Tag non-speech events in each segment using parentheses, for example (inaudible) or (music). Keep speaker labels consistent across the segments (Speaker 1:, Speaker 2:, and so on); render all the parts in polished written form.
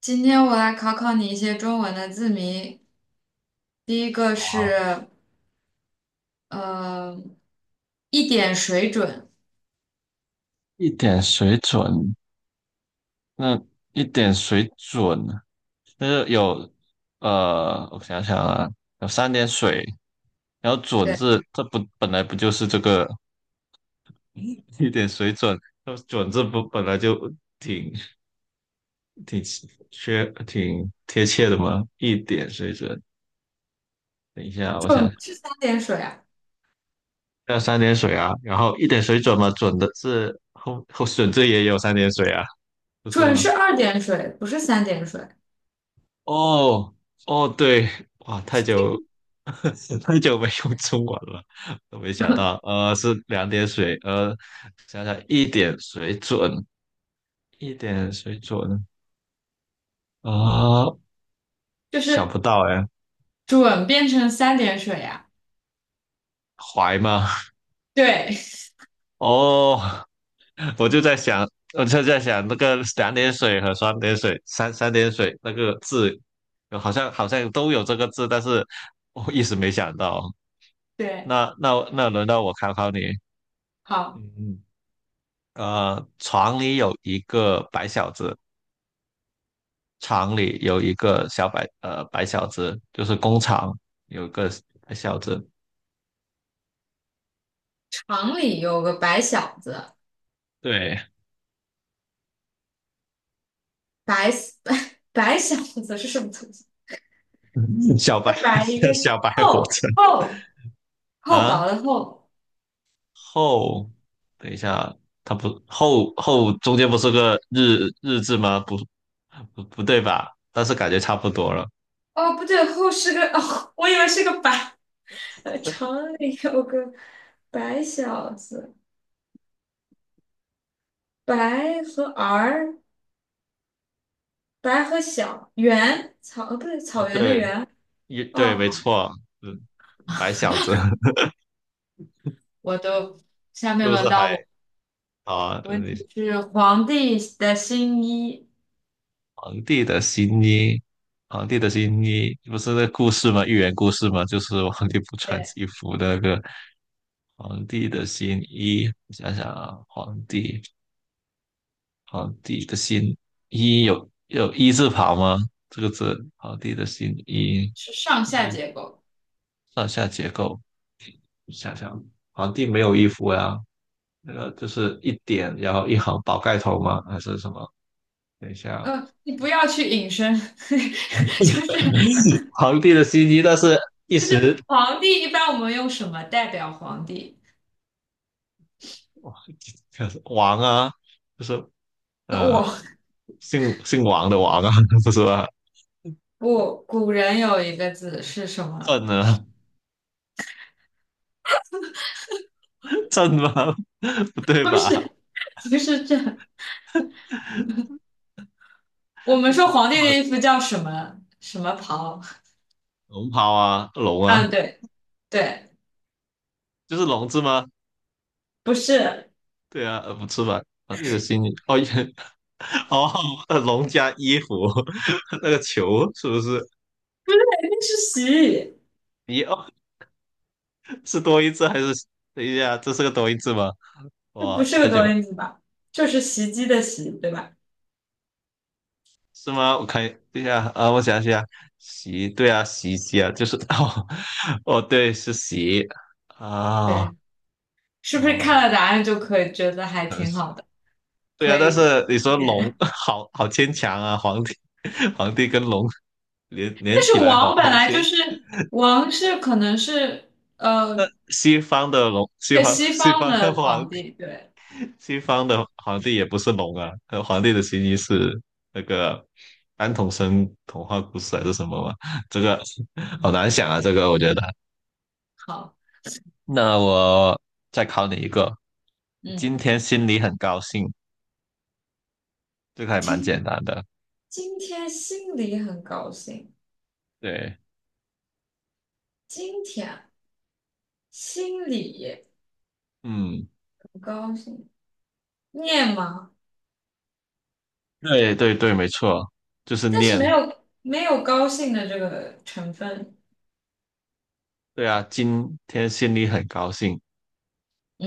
Speaker 1: 今天我来考考你一些中文的字谜。第一个是，
Speaker 2: 好。
Speaker 1: 呃，一点水准，
Speaker 2: 一点水准，那一点水准，那就有我想想啊，有三点水，然后准
Speaker 1: 对，
Speaker 2: 字，这不本来不就是这个一点水准，那准字不本来就挺挺挺贴切的吗？一点水准，等一下，我
Speaker 1: 准
Speaker 2: 想
Speaker 1: 不
Speaker 2: 想，
Speaker 1: 是三点水啊，
Speaker 2: 要三点水啊，然后一点水准嘛，准的字准字也有三点水啊，不是
Speaker 1: 准
Speaker 2: 吗？
Speaker 1: 是二点水，不是三点水，
Speaker 2: 哦。哦，对，哇，太久 (laughs) 太久没用中文了，都没想到，是两点水，想想一点水准，一点水准啊、
Speaker 1: 就
Speaker 2: 想
Speaker 1: 是
Speaker 2: 不到哎，
Speaker 1: 准变成三点水呀、
Speaker 2: 怀吗？
Speaker 1: 对
Speaker 2: 哦，(laughs) 我就在想，我就在想那个两点水和三点水，三点水那个字，好像都有这个字，但是我一时没想到。
Speaker 1: (laughs) 对，
Speaker 2: 那轮到我考考你。
Speaker 1: 好，
Speaker 2: 嗯。厂里有一个白小子，厂里有一个小白，白小子就是工厂有一个白小子，
Speaker 1: 厂里有个白小子，
Speaker 2: 对，
Speaker 1: 白 (laughs) 白小子是什么东西？
Speaker 2: (laughs) 小
Speaker 1: 一
Speaker 2: 白
Speaker 1: 个白一个
Speaker 2: (laughs) 小白火
Speaker 1: 厚
Speaker 2: 车
Speaker 1: 厚厚薄
Speaker 2: 啊，
Speaker 1: 的厚。
Speaker 2: 后，等一下，它不后中间不是个日字吗？不对吧？但是感觉差不多了。
Speaker 1: 哦，不对，厚是个哦，我以为是个白。(laughs) 厂里有个白小子，白和儿，白和小圆草，不对，
Speaker 2: 哦，
Speaker 1: 草原的
Speaker 2: 对，
Speaker 1: 原。
Speaker 2: 一
Speaker 1: 哦，
Speaker 2: 对，没
Speaker 1: 好，
Speaker 2: 错，嗯，白小子 (laughs)
Speaker 1: 我都，下
Speaker 2: 是
Speaker 1: 面
Speaker 2: 不
Speaker 1: 轮
Speaker 2: 是
Speaker 1: 到
Speaker 2: 还
Speaker 1: 我。
Speaker 2: 好啊？
Speaker 1: 问题是皇帝的新衣，
Speaker 2: 皇帝的新衣，皇帝的新衣不是那个故事吗？寓言故事吗？就是皇帝不穿
Speaker 1: 对，
Speaker 2: 衣服的那个皇帝的新衣。想想啊，皇帝，皇帝的新衣有一字旁吗？这个字，皇帝的新衣，
Speaker 1: 是上下
Speaker 2: 一
Speaker 1: 结构。
Speaker 2: 上下结构。想想，皇帝没有衣服呀、那个就是一点，然后一行宝盖头吗？还是什么？等一下，
Speaker 1: 你不要去引申，(laughs) 就是
Speaker 2: 皇帝的新衣，但是一时
Speaker 1: 皇帝一般我们用什么代表皇帝？
Speaker 2: 哇 (laughs) 王啊，就是
Speaker 1: 我
Speaker 2: 呃姓王的王啊，(laughs) 不是吧？
Speaker 1: 不，古人有一个字是什么？
Speaker 2: 朕啊，朕吗？(laughs) 不
Speaker 1: (laughs)
Speaker 2: 对
Speaker 1: 不
Speaker 2: 吧？
Speaker 1: 是，不是这。我们说皇帝的衣服叫什么什么袍？
Speaker 2: 龙袍啊，龙啊，
Speaker 1: 嗯，对对，
Speaker 2: 就是龙字吗？
Speaker 1: 不是，
Speaker 2: 对啊，不是吧？啊，你的心里哦也 (laughs) 哦，龙加衣服 (laughs) 那个球是不是？
Speaker 1: 肯定是洗。
Speaker 2: 一哦，是多音字还是？等一下，这是个多音字吗？
Speaker 1: 这不
Speaker 2: 哇，
Speaker 1: 是个
Speaker 2: 太
Speaker 1: 多
Speaker 2: 久
Speaker 1: 音字吧？就是袭击的袭，对吧？
Speaker 2: 是吗？我看，对呀，啊，我想想，洗，对啊，洗衣机啊，就是 (laughs) 哦，哦，对，是洗啊，
Speaker 1: 对，是不是看
Speaker 2: 哦，
Speaker 1: 了答案就可以觉得还
Speaker 2: 可能
Speaker 1: 挺
Speaker 2: 是
Speaker 1: 好的，
Speaker 2: 对
Speaker 1: 可
Speaker 2: 啊，但
Speaker 1: 以
Speaker 2: 是你
Speaker 1: 一
Speaker 2: 说龙，
Speaker 1: 点？
Speaker 2: (laughs) 好好牵强啊，皇帝，(laughs) 皇帝跟龙连
Speaker 1: 但
Speaker 2: 连起
Speaker 1: 是
Speaker 2: 来好，
Speaker 1: 王本
Speaker 2: 好
Speaker 1: 来就
Speaker 2: 牵，
Speaker 1: 是王是可能是呃
Speaker 2: 西方的龙，西
Speaker 1: 对
Speaker 2: 方
Speaker 1: 西
Speaker 2: 西
Speaker 1: 方
Speaker 2: 方的
Speaker 1: 的
Speaker 2: 皇
Speaker 1: 皇
Speaker 2: 帝，
Speaker 1: 帝，对，
Speaker 2: 西方的皇帝也不是龙啊，皇帝的形意是那个安徒生童话故事还是什么嘛？这个好
Speaker 1: 嗯，
Speaker 2: 难想啊，这个我觉得。
Speaker 1: 好，
Speaker 2: 那我再考你一个，
Speaker 1: 嗯，
Speaker 2: 今天心里很高兴，这个还蛮
Speaker 1: 今
Speaker 2: 简单的。
Speaker 1: 今天心里很高兴，
Speaker 2: 对，
Speaker 1: 今天心里
Speaker 2: 嗯，
Speaker 1: 很高兴。念吗？
Speaker 2: 对对对，没错，就是
Speaker 1: 但是没
Speaker 2: 念。
Speaker 1: 有没有高兴的这个成分，
Speaker 2: 对啊，今天心里很高兴，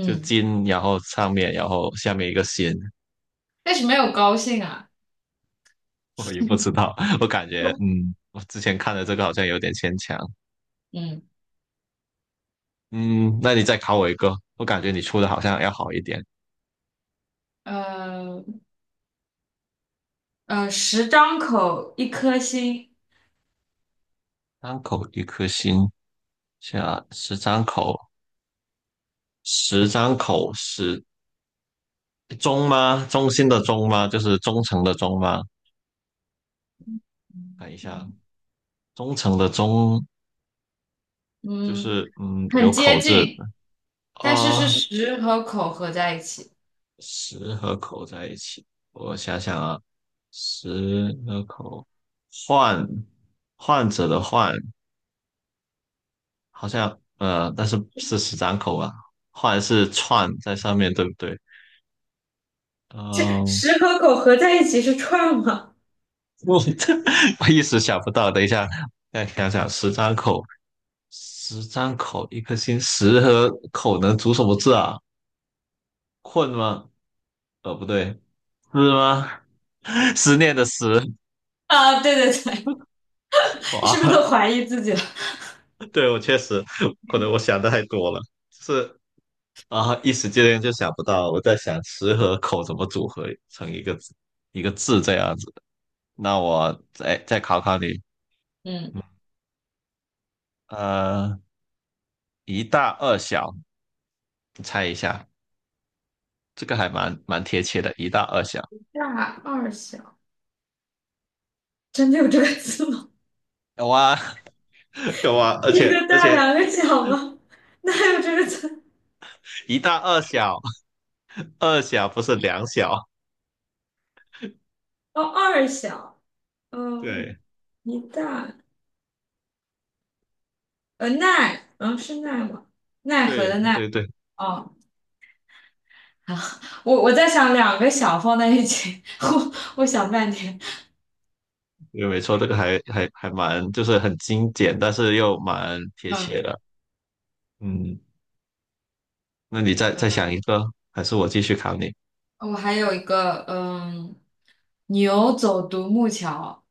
Speaker 2: 就今，然后上面，然后下面一个心，
Speaker 1: 但是没有高兴啊，
Speaker 2: (laughs) 我也不
Speaker 1: (laughs)
Speaker 2: 知道，(laughs) 我感觉，嗯，我之前看的这个好像有点牵强。
Speaker 1: 嗯
Speaker 2: 嗯，那你再考我一个，我感觉你出的好像要好一点。
Speaker 1: 呃，十张口一颗心，
Speaker 2: 张口一颗心，下十张口，十张口，十中吗？中心的中吗？就是忠诚的忠吗？看一下，
Speaker 1: 嗯，
Speaker 2: 忠诚的忠就
Speaker 1: 嗯，
Speaker 2: 是嗯，
Speaker 1: 很
Speaker 2: 有
Speaker 1: 接
Speaker 2: 口字
Speaker 1: 近，但是
Speaker 2: 啊，
Speaker 1: 十和口合在一起，
Speaker 2: 十和口在一起。我想想啊，十和口，患患者的患，好像但是是十张口吧？患是串在上面，对不对？
Speaker 1: (laughs)
Speaker 2: 嗯，
Speaker 1: 十和口合在一起是串吗？
Speaker 2: 我 (laughs) 我一时想不到，等一下再想想，十张口。十张口一颗心，十和口能组什么字啊？困吗？不对，是吗？(laughs) 思念的思
Speaker 1: 啊，对对对，(laughs) 是不是
Speaker 2: 啊，
Speaker 1: 都怀疑自己了？
Speaker 2: (laughs) 对我确实可能我想的太多了，就是啊，一时之间就想不到。我在想十和口怎么组合成一个字一个字这样子。那我再考考你，
Speaker 1: (laughs) 嗯，
Speaker 2: 呃，一大二小，你猜一下，这个还蛮贴切的，一大二小。
Speaker 1: 大二小，真的有这个字吗？
Speaker 2: 有啊，(laughs) 有啊，
Speaker 1: (laughs)
Speaker 2: 而
Speaker 1: 一
Speaker 2: 且
Speaker 1: 个
Speaker 2: 而
Speaker 1: 大，
Speaker 2: 且
Speaker 1: 两个小吗？(laughs) 哪有这个字？
Speaker 2: 一大二小，二小不是两小。
Speaker 1: 哦，二小。嗯，
Speaker 2: 对
Speaker 1: 一大奈，嗯是奈吗？奈何
Speaker 2: 对
Speaker 1: 的奈。
Speaker 2: 对对，
Speaker 1: 哦，好，我在想两个小放在一起，(laughs) 我想半天。
Speaker 2: 对，没错，这个还蛮就是很精简，但是又蛮贴切
Speaker 1: 嗯，
Speaker 2: 的。嗯，那你再想一个，还是我继续考你？
Speaker 1: 我还有一个，嗯，牛走独木桥，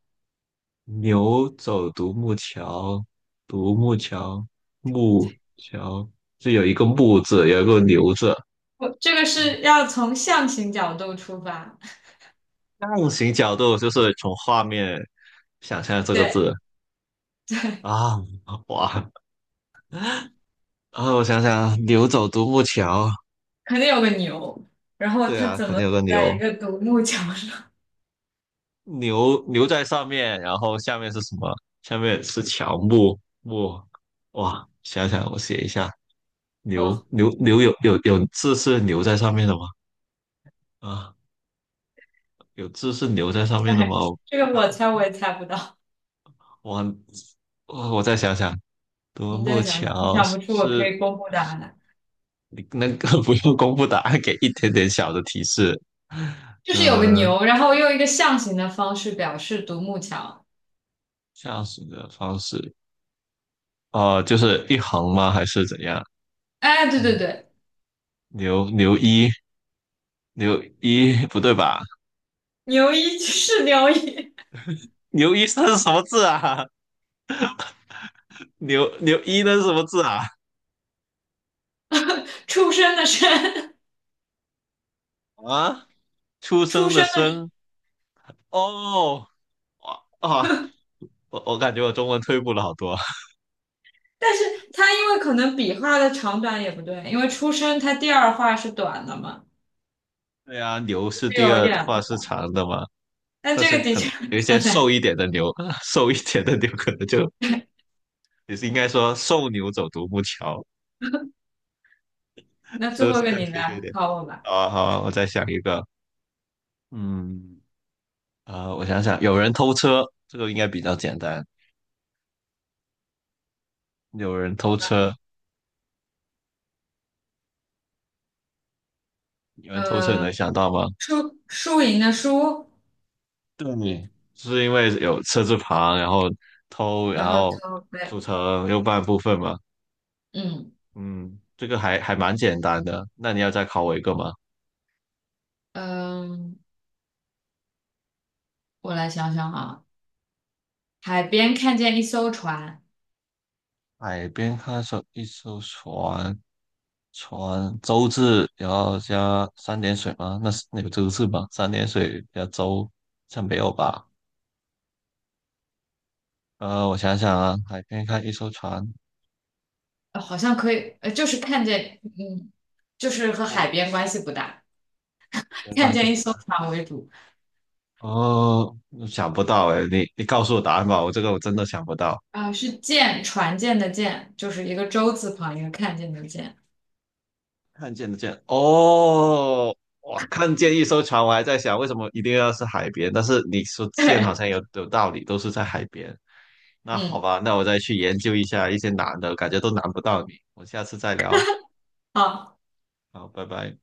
Speaker 2: 牛走独木桥，独木桥，木桥就有一个木字，有一个牛字。
Speaker 1: 我这个是要从象形角度出发，
Speaker 2: 象形角度就是从画面想象这个
Speaker 1: 对，
Speaker 2: 字啊，哇啊，我想想，牛走独木桥，
Speaker 1: 肯定有个牛，然后
Speaker 2: 对
Speaker 1: 它
Speaker 2: 啊，
Speaker 1: 怎
Speaker 2: 可
Speaker 1: 么
Speaker 2: 能有个
Speaker 1: 在一
Speaker 2: 牛，
Speaker 1: 个独木桥上？
Speaker 2: 牛在上面，然后下面是什么？下面是乔木木，哇！想想我写一下，牛
Speaker 1: 嗯，
Speaker 2: 牛牛有字是牛在上面的吗？啊，有字是牛在上
Speaker 1: (laughs)
Speaker 2: 面的吗？
Speaker 1: 对，这个我猜我也猜不到，
Speaker 2: 我我再想想，独
Speaker 1: 你再
Speaker 2: 木
Speaker 1: 想想，你
Speaker 2: 桥
Speaker 1: 想不出，我可以
Speaker 2: 是
Speaker 1: 公布答案。
Speaker 2: 你那个 (laughs) 不用公布答案，给一点点小的提示。
Speaker 1: 就是有个
Speaker 2: 嗯、
Speaker 1: 牛，然后用一个象形的方式表示独木桥。
Speaker 2: 驾驶的方式，哦、就是一横吗？还是怎样？
Speaker 1: 哎，对对
Speaker 2: 嗯，
Speaker 1: 对，
Speaker 2: 牛一。牛一不对吧？
Speaker 1: 牛一 (laughs) 是牛一，
Speaker 2: 牛一生是什么字啊？(laughs) 牛一那是什么字啊？
Speaker 1: 出生的生，
Speaker 2: 啊，出
Speaker 1: 出
Speaker 2: 生的
Speaker 1: 生的生。
Speaker 2: 生哦，哇啊，我我感觉我中文退步了好多。(laughs)
Speaker 1: 但是它因为可能笔画的长短也不对，因为出生它第二画是短的嘛，
Speaker 2: 对啊，牛是
Speaker 1: 就
Speaker 2: 第
Speaker 1: 有一
Speaker 2: 二
Speaker 1: 点。
Speaker 2: 话是长的嘛，
Speaker 1: 但
Speaker 2: 但
Speaker 1: 这
Speaker 2: 是
Speaker 1: 个的
Speaker 2: 可
Speaker 1: 确
Speaker 2: 能
Speaker 1: 很
Speaker 2: 有一些瘦
Speaker 1: 难。
Speaker 2: 一点的牛，(laughs) 瘦一点的牛可能就 (laughs) 也是应该说瘦牛走独木桥，
Speaker 1: 那最
Speaker 2: 这个
Speaker 1: 后一
Speaker 2: 是
Speaker 1: 个
Speaker 2: 更
Speaker 1: 你
Speaker 2: 贴切一
Speaker 1: 来
Speaker 2: 点。
Speaker 1: 考我吧。
Speaker 2: 好啊，好啊我再想一个，嗯，啊、我想想，有人偷车，这个应该比较简单。有人偷车，你们偷车你
Speaker 1: 呃，
Speaker 2: 能想到吗？
Speaker 1: 输赢的输，
Speaker 2: 对，是因为有车字旁，然后偷，然
Speaker 1: 然后
Speaker 2: 后
Speaker 1: 头对，
Speaker 2: 组成右半部分嘛。
Speaker 1: 嗯
Speaker 2: 嗯，这个还蛮简单的。那你要再考我一个吗？
Speaker 1: 嗯，我来想想啊，海边看见一艘船。
Speaker 2: 海边看守一艘船，船舟字，然后加三点水吗？那是那有这个舟字吗？三点水加舟，像没有吧？我想想啊，海边看一艘船，
Speaker 1: 好像可以，就是看见，嗯，就是和海
Speaker 2: 哦，
Speaker 1: 边关系不大，
Speaker 2: 没
Speaker 1: 看
Speaker 2: 关系。
Speaker 1: 见一艘船为主，
Speaker 2: 哦，想不到哎，你你告诉我答案吧，我这个我真的想不到。
Speaker 1: 啊、是舰，船舰的舰，就是一个舟字旁一个看见的见，
Speaker 2: 看见的见哦，哇，看见一艘船，我还在想为什么一定要是海边，但是你说
Speaker 1: (laughs)
Speaker 2: 见好
Speaker 1: 对
Speaker 2: 像有道理，都是在海边。那好
Speaker 1: 嗯，
Speaker 2: 吧，那我再去研究一下一些难的，感觉都难不到你。我们下次再聊，
Speaker 1: 好。
Speaker 2: 好，拜拜。